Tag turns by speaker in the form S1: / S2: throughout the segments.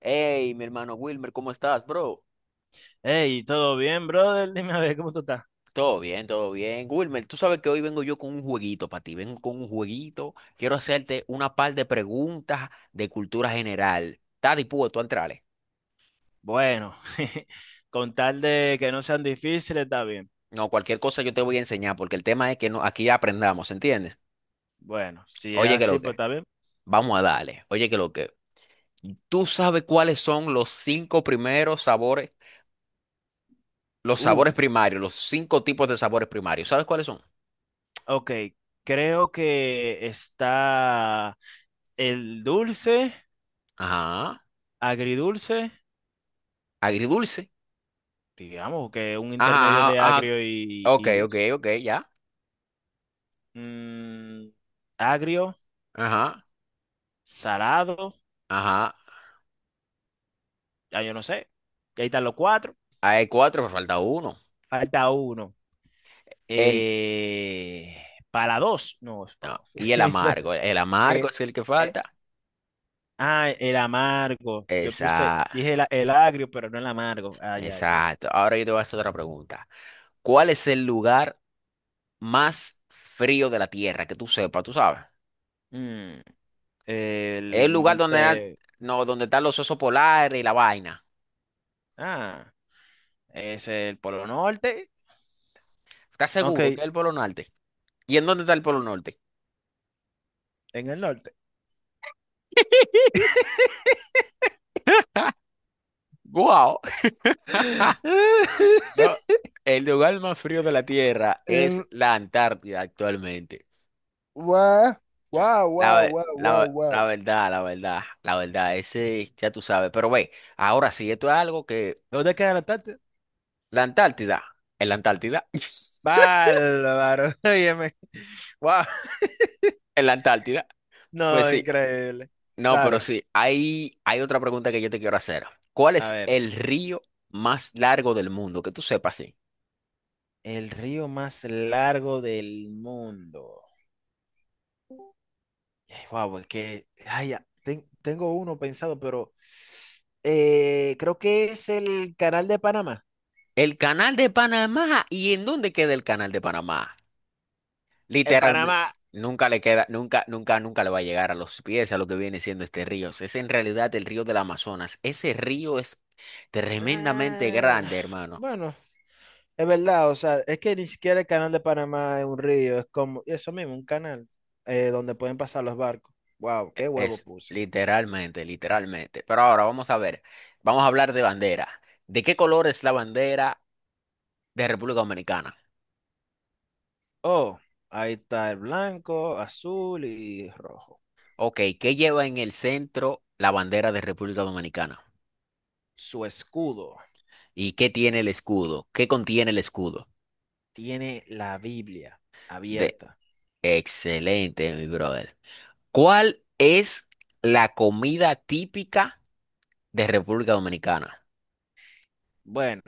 S1: Hey, mi hermano Wilmer, ¿cómo estás, bro?
S2: Hey, ¿todo bien, brother? Dime a ver, ¿cómo tú estás?
S1: Todo bien, todo bien. Wilmer, tú sabes que hoy vengo yo con un jueguito para ti. Vengo con un jueguito. Quiero hacerte una par de preguntas de cultura general. ¿Estás dispuesto a entrarle?
S2: Bueno, con tal de que no sean difíciles, está bien.
S1: No, cualquier cosa yo te voy a enseñar porque el tema es que no, aquí aprendamos, ¿entiendes?
S2: Bueno, si es
S1: Oye, que
S2: así,
S1: lo
S2: pues
S1: que.
S2: está bien.
S1: Vamos a darle. Oye, que lo que. ¿Tú sabes cuáles son los cinco primeros sabores, los sabores
S2: Uf,
S1: primarios, los cinco tipos de sabores primarios? ¿Sabes cuáles son?
S2: ok. Creo que está el dulce,
S1: Ajá.
S2: agridulce,
S1: Agridulce.
S2: digamos que un
S1: Ajá,
S2: intermedio
S1: ajá,
S2: de
S1: ajá,
S2: agrio y,
S1: ok,
S2: y
S1: ok,
S2: dulce.
S1: ok, ya.
S2: Mm, Agrio,
S1: Ajá,
S2: salado,
S1: ajá.
S2: ya yo no sé. Y ahí están los cuatro,
S1: Hay cuatro, pero falta uno.
S2: falta uno.
S1: El,
S2: Eh, para dos, no, es para
S1: no,
S2: dos.
S1: y el amargo. El amargo
S2: Eh,
S1: es el que
S2: eh,
S1: falta.
S2: ah, el amargo. Yo puse,
S1: Esa,
S2: dije el agrio, pero no el amargo. Ah, ya, ya, ya.
S1: exacto. Ahora yo te voy a hacer otra pregunta. ¿Cuál es el lugar más frío de la Tierra? Que tú sepas, tú sabes.
S2: Mm,
S1: Es
S2: el
S1: el lugar donde,
S2: monte.
S1: no, donde están los osos polares y la vaina.
S2: Ah, es el Polo Norte.
S1: ¿Estás
S2: Ok,
S1: seguro que es el Polo Norte? ¿Y en dónde está el Polo Norte?
S2: en el norte.
S1: ¡Guau! No, el lugar más frío de la Tierra es
S2: Em,
S1: la Antártida actualmente.
S2: Guau, guau,
S1: La,
S2: guau,
S1: ve-
S2: guau,
S1: la,
S2: guau,
S1: ve- la
S2: guau.
S1: verdad, la verdad, la verdad, ese ya tú sabes. Pero ve, ahora sí, esto es algo que
S2: ¿Dónde queda la tarta?
S1: la Antártida, en la Antártida,
S2: Bárbaro. Óyeme. Wow.
S1: en la Antártida, pues
S2: No,
S1: sí,
S2: increíble.
S1: no, pero
S2: Dale.
S1: sí, hay otra pregunta que yo te quiero hacer. ¿Cuál
S2: A
S1: es
S2: ver.
S1: el río más largo del mundo? Que tú sepas, sí.
S2: El río más largo del mundo. Wow, es que ay, ya, tengo uno pensado, pero creo que es el canal de Panamá.
S1: El canal de Panamá, ¿y en dónde queda el canal de Panamá?
S2: En
S1: Literalmente,
S2: Panamá,
S1: nunca le queda, nunca, nunca, nunca le va a llegar a los pies a lo que viene siendo este río. Es en realidad el río del Amazonas. Ese río es tremendamente
S2: ah,
S1: grande, hermano.
S2: bueno, es verdad, o sea, es que ni siquiera el canal de Panamá es un río, es como eso mismo, un canal donde pueden pasar los barcos. Wow,
S1: E-
S2: qué huevo
S1: Es
S2: puse.
S1: literalmente, literalmente. Pero ahora vamos a ver, vamos a hablar de bandera. ¿De qué color es la bandera de República Dominicana?
S2: Oh, ahí está el blanco, azul y rojo.
S1: Ok, ¿qué lleva en el centro la bandera de República Dominicana?
S2: Su escudo
S1: ¿Y qué tiene el escudo? ¿Qué contiene el escudo?
S2: tiene la Biblia
S1: De...
S2: abierta.
S1: Excelente, mi brother. ¿Cuál es la comida típica de República Dominicana?
S2: Bueno,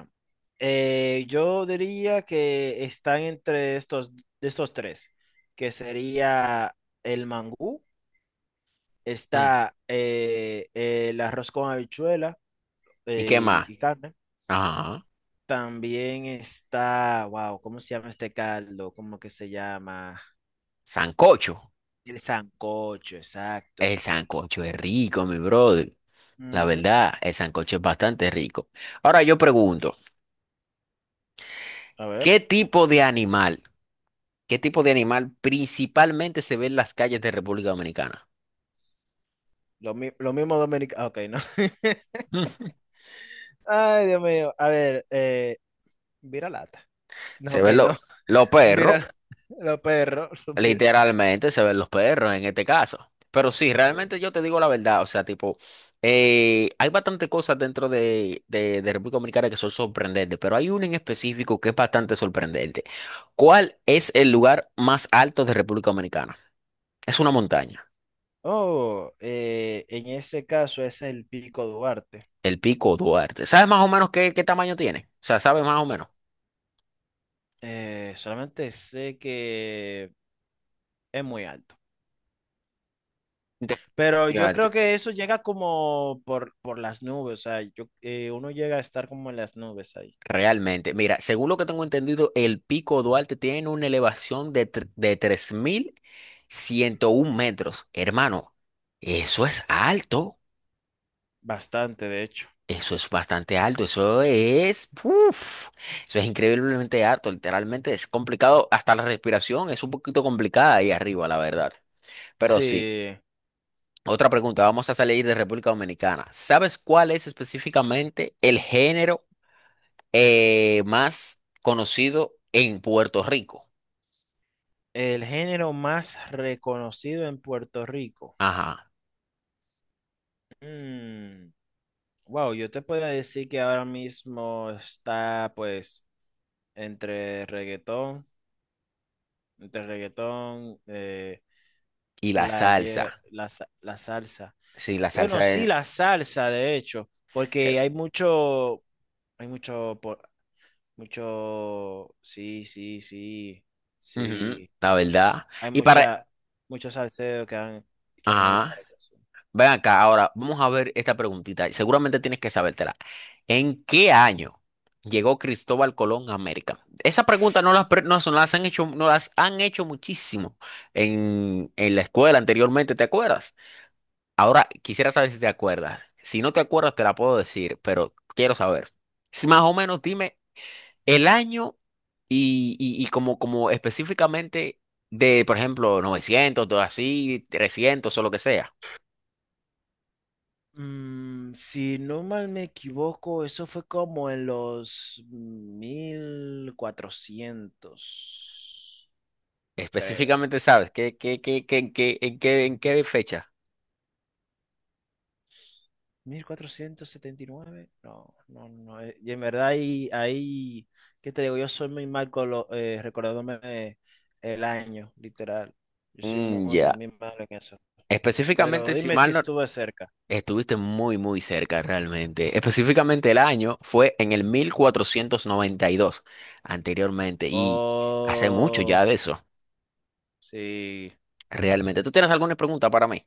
S2: yo diría que están entre estos, de estos tres, que sería el mangú,
S1: Mm.
S2: está el arroz con habichuela
S1: ¿Y qué más?
S2: y carne.
S1: Ajá.
S2: También está, wow, ¿cómo se llama este caldo? ¿Cómo que se llama?
S1: Sancocho.
S2: El sancocho, exacto.
S1: El sancocho es rico, mi brother. La
S2: Ujú.
S1: verdad, el sancocho es bastante rico. Ahora yo pregunto,
S2: A ver,
S1: ¿qué tipo de animal, qué tipo de animal principalmente se ve en las calles de República Dominicana?
S2: lo mismo dominicano. Ok, no.
S1: Mm.
S2: Ay, Dios mío. A ver, vira lata. No,
S1: Se
S2: ok,
S1: ven
S2: no.
S1: lo- los perros,
S2: Mira, los perros. Mira.
S1: literalmente se ven los perros en este caso. Pero sí,
S2: Sí.
S1: realmente yo te digo la verdad, o sea, tipo, hay bastante cosas dentro de República Dominicana que son sorprendentes, pero hay una en específico que es bastante sorprendente. ¿Cuál es el lugar más alto de República Dominicana? Es una montaña,
S2: Oh, en ese caso ese es el Pico Duarte.
S1: el Pico Duarte. ¿Sabes más o menos qué, qué tamaño tiene? O sea, ¿sabes más o menos?
S2: Solamente sé que es muy alto. Pero yo creo
S1: Fíjate.
S2: que eso llega como por las nubes. O sea, uno llega a estar como en las nubes ahí.
S1: Realmente, mira, según lo que tengo entendido, el Pico Duarte tiene una elevación de 3.101 metros. Hermano, eso es alto,
S2: Bastante, de hecho.
S1: eso es bastante alto, eso es, uf, eso es increíblemente alto, literalmente es complicado, hasta la respiración es un poquito complicada ahí arriba, la verdad. Pero sí,
S2: Sí.
S1: otra pregunta, vamos a salir de República Dominicana. ¿Sabes cuál es específicamente el género más conocido en Puerto Rico?
S2: El género más reconocido en Puerto Rico.
S1: Ajá.
S2: Mm, Wow, yo te puedo decir que ahora mismo está pues entre reggaetón, entre reggaetón,
S1: Y la
S2: player,
S1: salsa.
S2: la salsa.
S1: Sí, la
S2: Bueno,
S1: salsa
S2: sí,
S1: es...
S2: la salsa, de hecho,
S1: eh,
S2: porque hay mucho, por mucho, sí, sí, sí,
S1: ujú,
S2: sí,
S1: la verdad.
S2: hay
S1: Y
S2: mucha,
S1: para...
S2: muchos salseros que han ido
S1: Ajá.
S2: para allá. Sí.
S1: Ven acá, ahora vamos a ver esta preguntita. Seguramente tienes que sabértela. ¿En qué año llegó Cristóbal Colón a América? Esa pregunta no las, no, se las han hecho, no las han hecho muchísimo en la escuela anteriormente, ¿te acuerdas? Ahora quisiera saber si te acuerdas. Si no te acuerdas, te la puedo decir, pero quiero saber. Si más o menos dime el año y, y como, como específicamente de, por ejemplo, 900 todo así, 300 o lo que sea.
S2: Si no mal me equivoco, eso fue como en los 1400 creo.
S1: Específicamente, ¿sabes? ¿Qué, qué, qué, qué, en qué, en qué, en qué fecha?
S2: 1479 no, no, no. Y en verdad ahí, ¿qué te digo? Yo soy muy mal con recordándome el año, literal. Yo soy
S1: Mm,
S2: muy,
S1: ya.
S2: muy malo en eso. Pero
S1: Específicamente, si
S2: dime si
S1: mal no...
S2: estuve cerca.
S1: Estuviste muy, muy cerca realmente. Específicamente el año fue en el 1492 anteriormente, y hace mucho
S2: Oh,
S1: ya de eso,
S2: sí.
S1: realmente. ¿Tú tienes alguna pregunta para mí?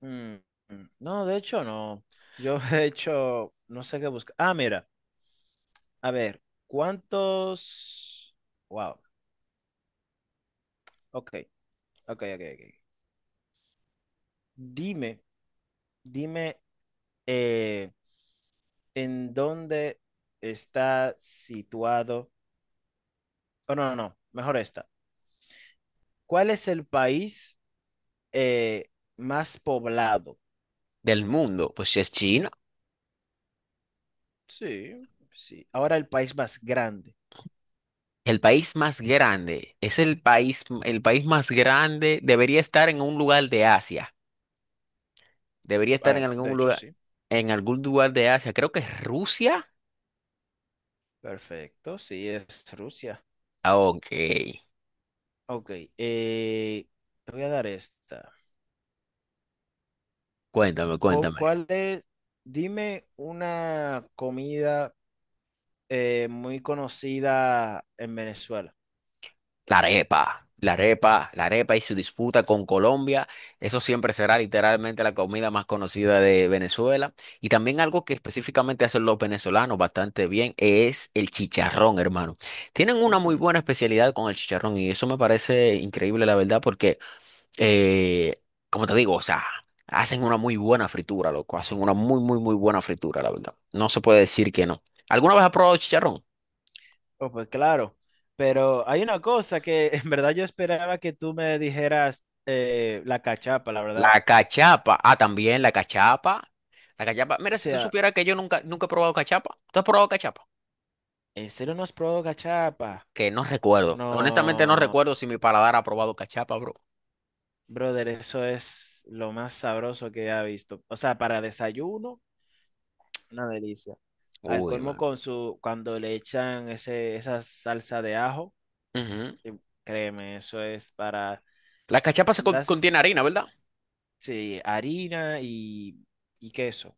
S2: Mm, mm. No, de hecho no. Yo de hecho no sé qué buscar. Ah, mira, a ver, ¿cuántos? Wow. Ok, ok, ok, ok. Dime, dime. eh, ¿En dónde está situado? Oh, no, no, no, mejor esta. ¿Cuál es el país eh, más poblado?
S1: Del mundo, pues si es china.
S2: Sí, sí. Ahora el país más grande.
S1: El país más grande, es el país más grande, debería estar en un lugar de Asia, debería estar
S2: Ah, de hecho, sí.
S1: en algún lugar de Asia, creo que es Rusia.
S2: Perfecto, sí, es Rusia.
S1: Ah, ok,
S2: Ok, eh, te voy a dar esta.
S1: cuéntame, cuéntame.
S2: ¿Cuál es? Dime una comida muy conocida en Venezuela.
S1: La arepa, la arepa, la arepa y su disputa con Colombia, eso siempre será literalmente la comida más conocida de Venezuela. Y también algo que específicamente hacen los venezolanos bastante bien es el chicharrón, hermano. Tienen una muy
S2: Mm.
S1: buena especialidad con el chicharrón y eso me parece increíble, la verdad, porque, eh, como te digo, o sea, hacen una muy buena fritura, loco, hacen una muy, muy, muy buena fritura, la verdad. No se puede decir que no. ¿Alguna vez has probado chicharrón?
S2: Oh, pues claro, pero hay una cosa que en verdad yo esperaba que tú me dijeras la cachapa, la verdad.
S1: La cachapa, ah, también la cachapa. La cachapa,
S2: O
S1: mira, si tú
S2: sea,
S1: supieras que yo nunca, nunca he probado cachapa, ¿tú has probado cachapa?
S2: ¿en serio no has probado cachapa?
S1: Que no recuerdo. Honestamente no
S2: No,
S1: recuerdo si mi paladar ha probado cachapa, bro.
S2: brother, eso es lo más sabroso que he visto. O sea, para desayuno, una delicia. Al
S1: Uy,
S2: colmo
S1: man.
S2: con su, cuando le echan ese, esa salsa de ajo,
S1: Ujú.
S2: eh, créeme, eso es para,
S1: La cachapa se
S2: en
S1: con-
S2: verdad,
S1: contiene harina, ¿verdad?
S2: sí, harina y queso,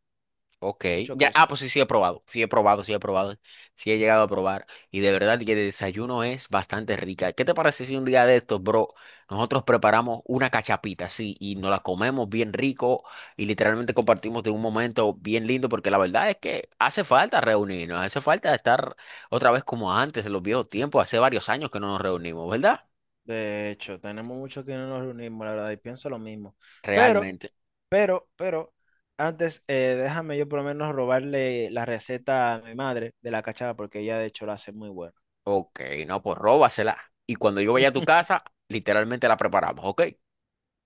S1: Ok,
S2: mucho
S1: ya, ah,
S2: queso.
S1: pues sí, sí he probado, sí he probado, sí he probado, sí he llegado a probar y de verdad que el desayuno es bastante rica. ¿Qué te parece si un día de estos, bro, nosotros preparamos una cachapita, sí, y nos la comemos bien rico y literalmente compartimos de un momento bien lindo porque la verdad es que hace falta reunirnos, hace falta estar otra vez como antes en los viejos tiempos, hace varios años que no nos reunimos, ¿verdad?
S2: De hecho, tenemos mucho que no nos reunimos, la verdad, y pienso lo mismo. Pero,
S1: Realmente.
S2: pero, antes, déjame yo por lo menos robarle la receta a mi madre de la cachava, porque ella de hecho la hace muy buena.
S1: Ok, no, pues róbasela y cuando yo vaya a tu casa, literalmente la preparamos, ¿ok?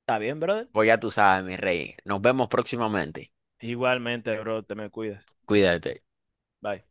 S2: ¿Está bien, brother?
S1: Pues ya tú sabes, mi rey. Nos vemos próximamente.
S2: Igualmente, bro, te me cuidas.
S1: Cuídate.
S2: Bye.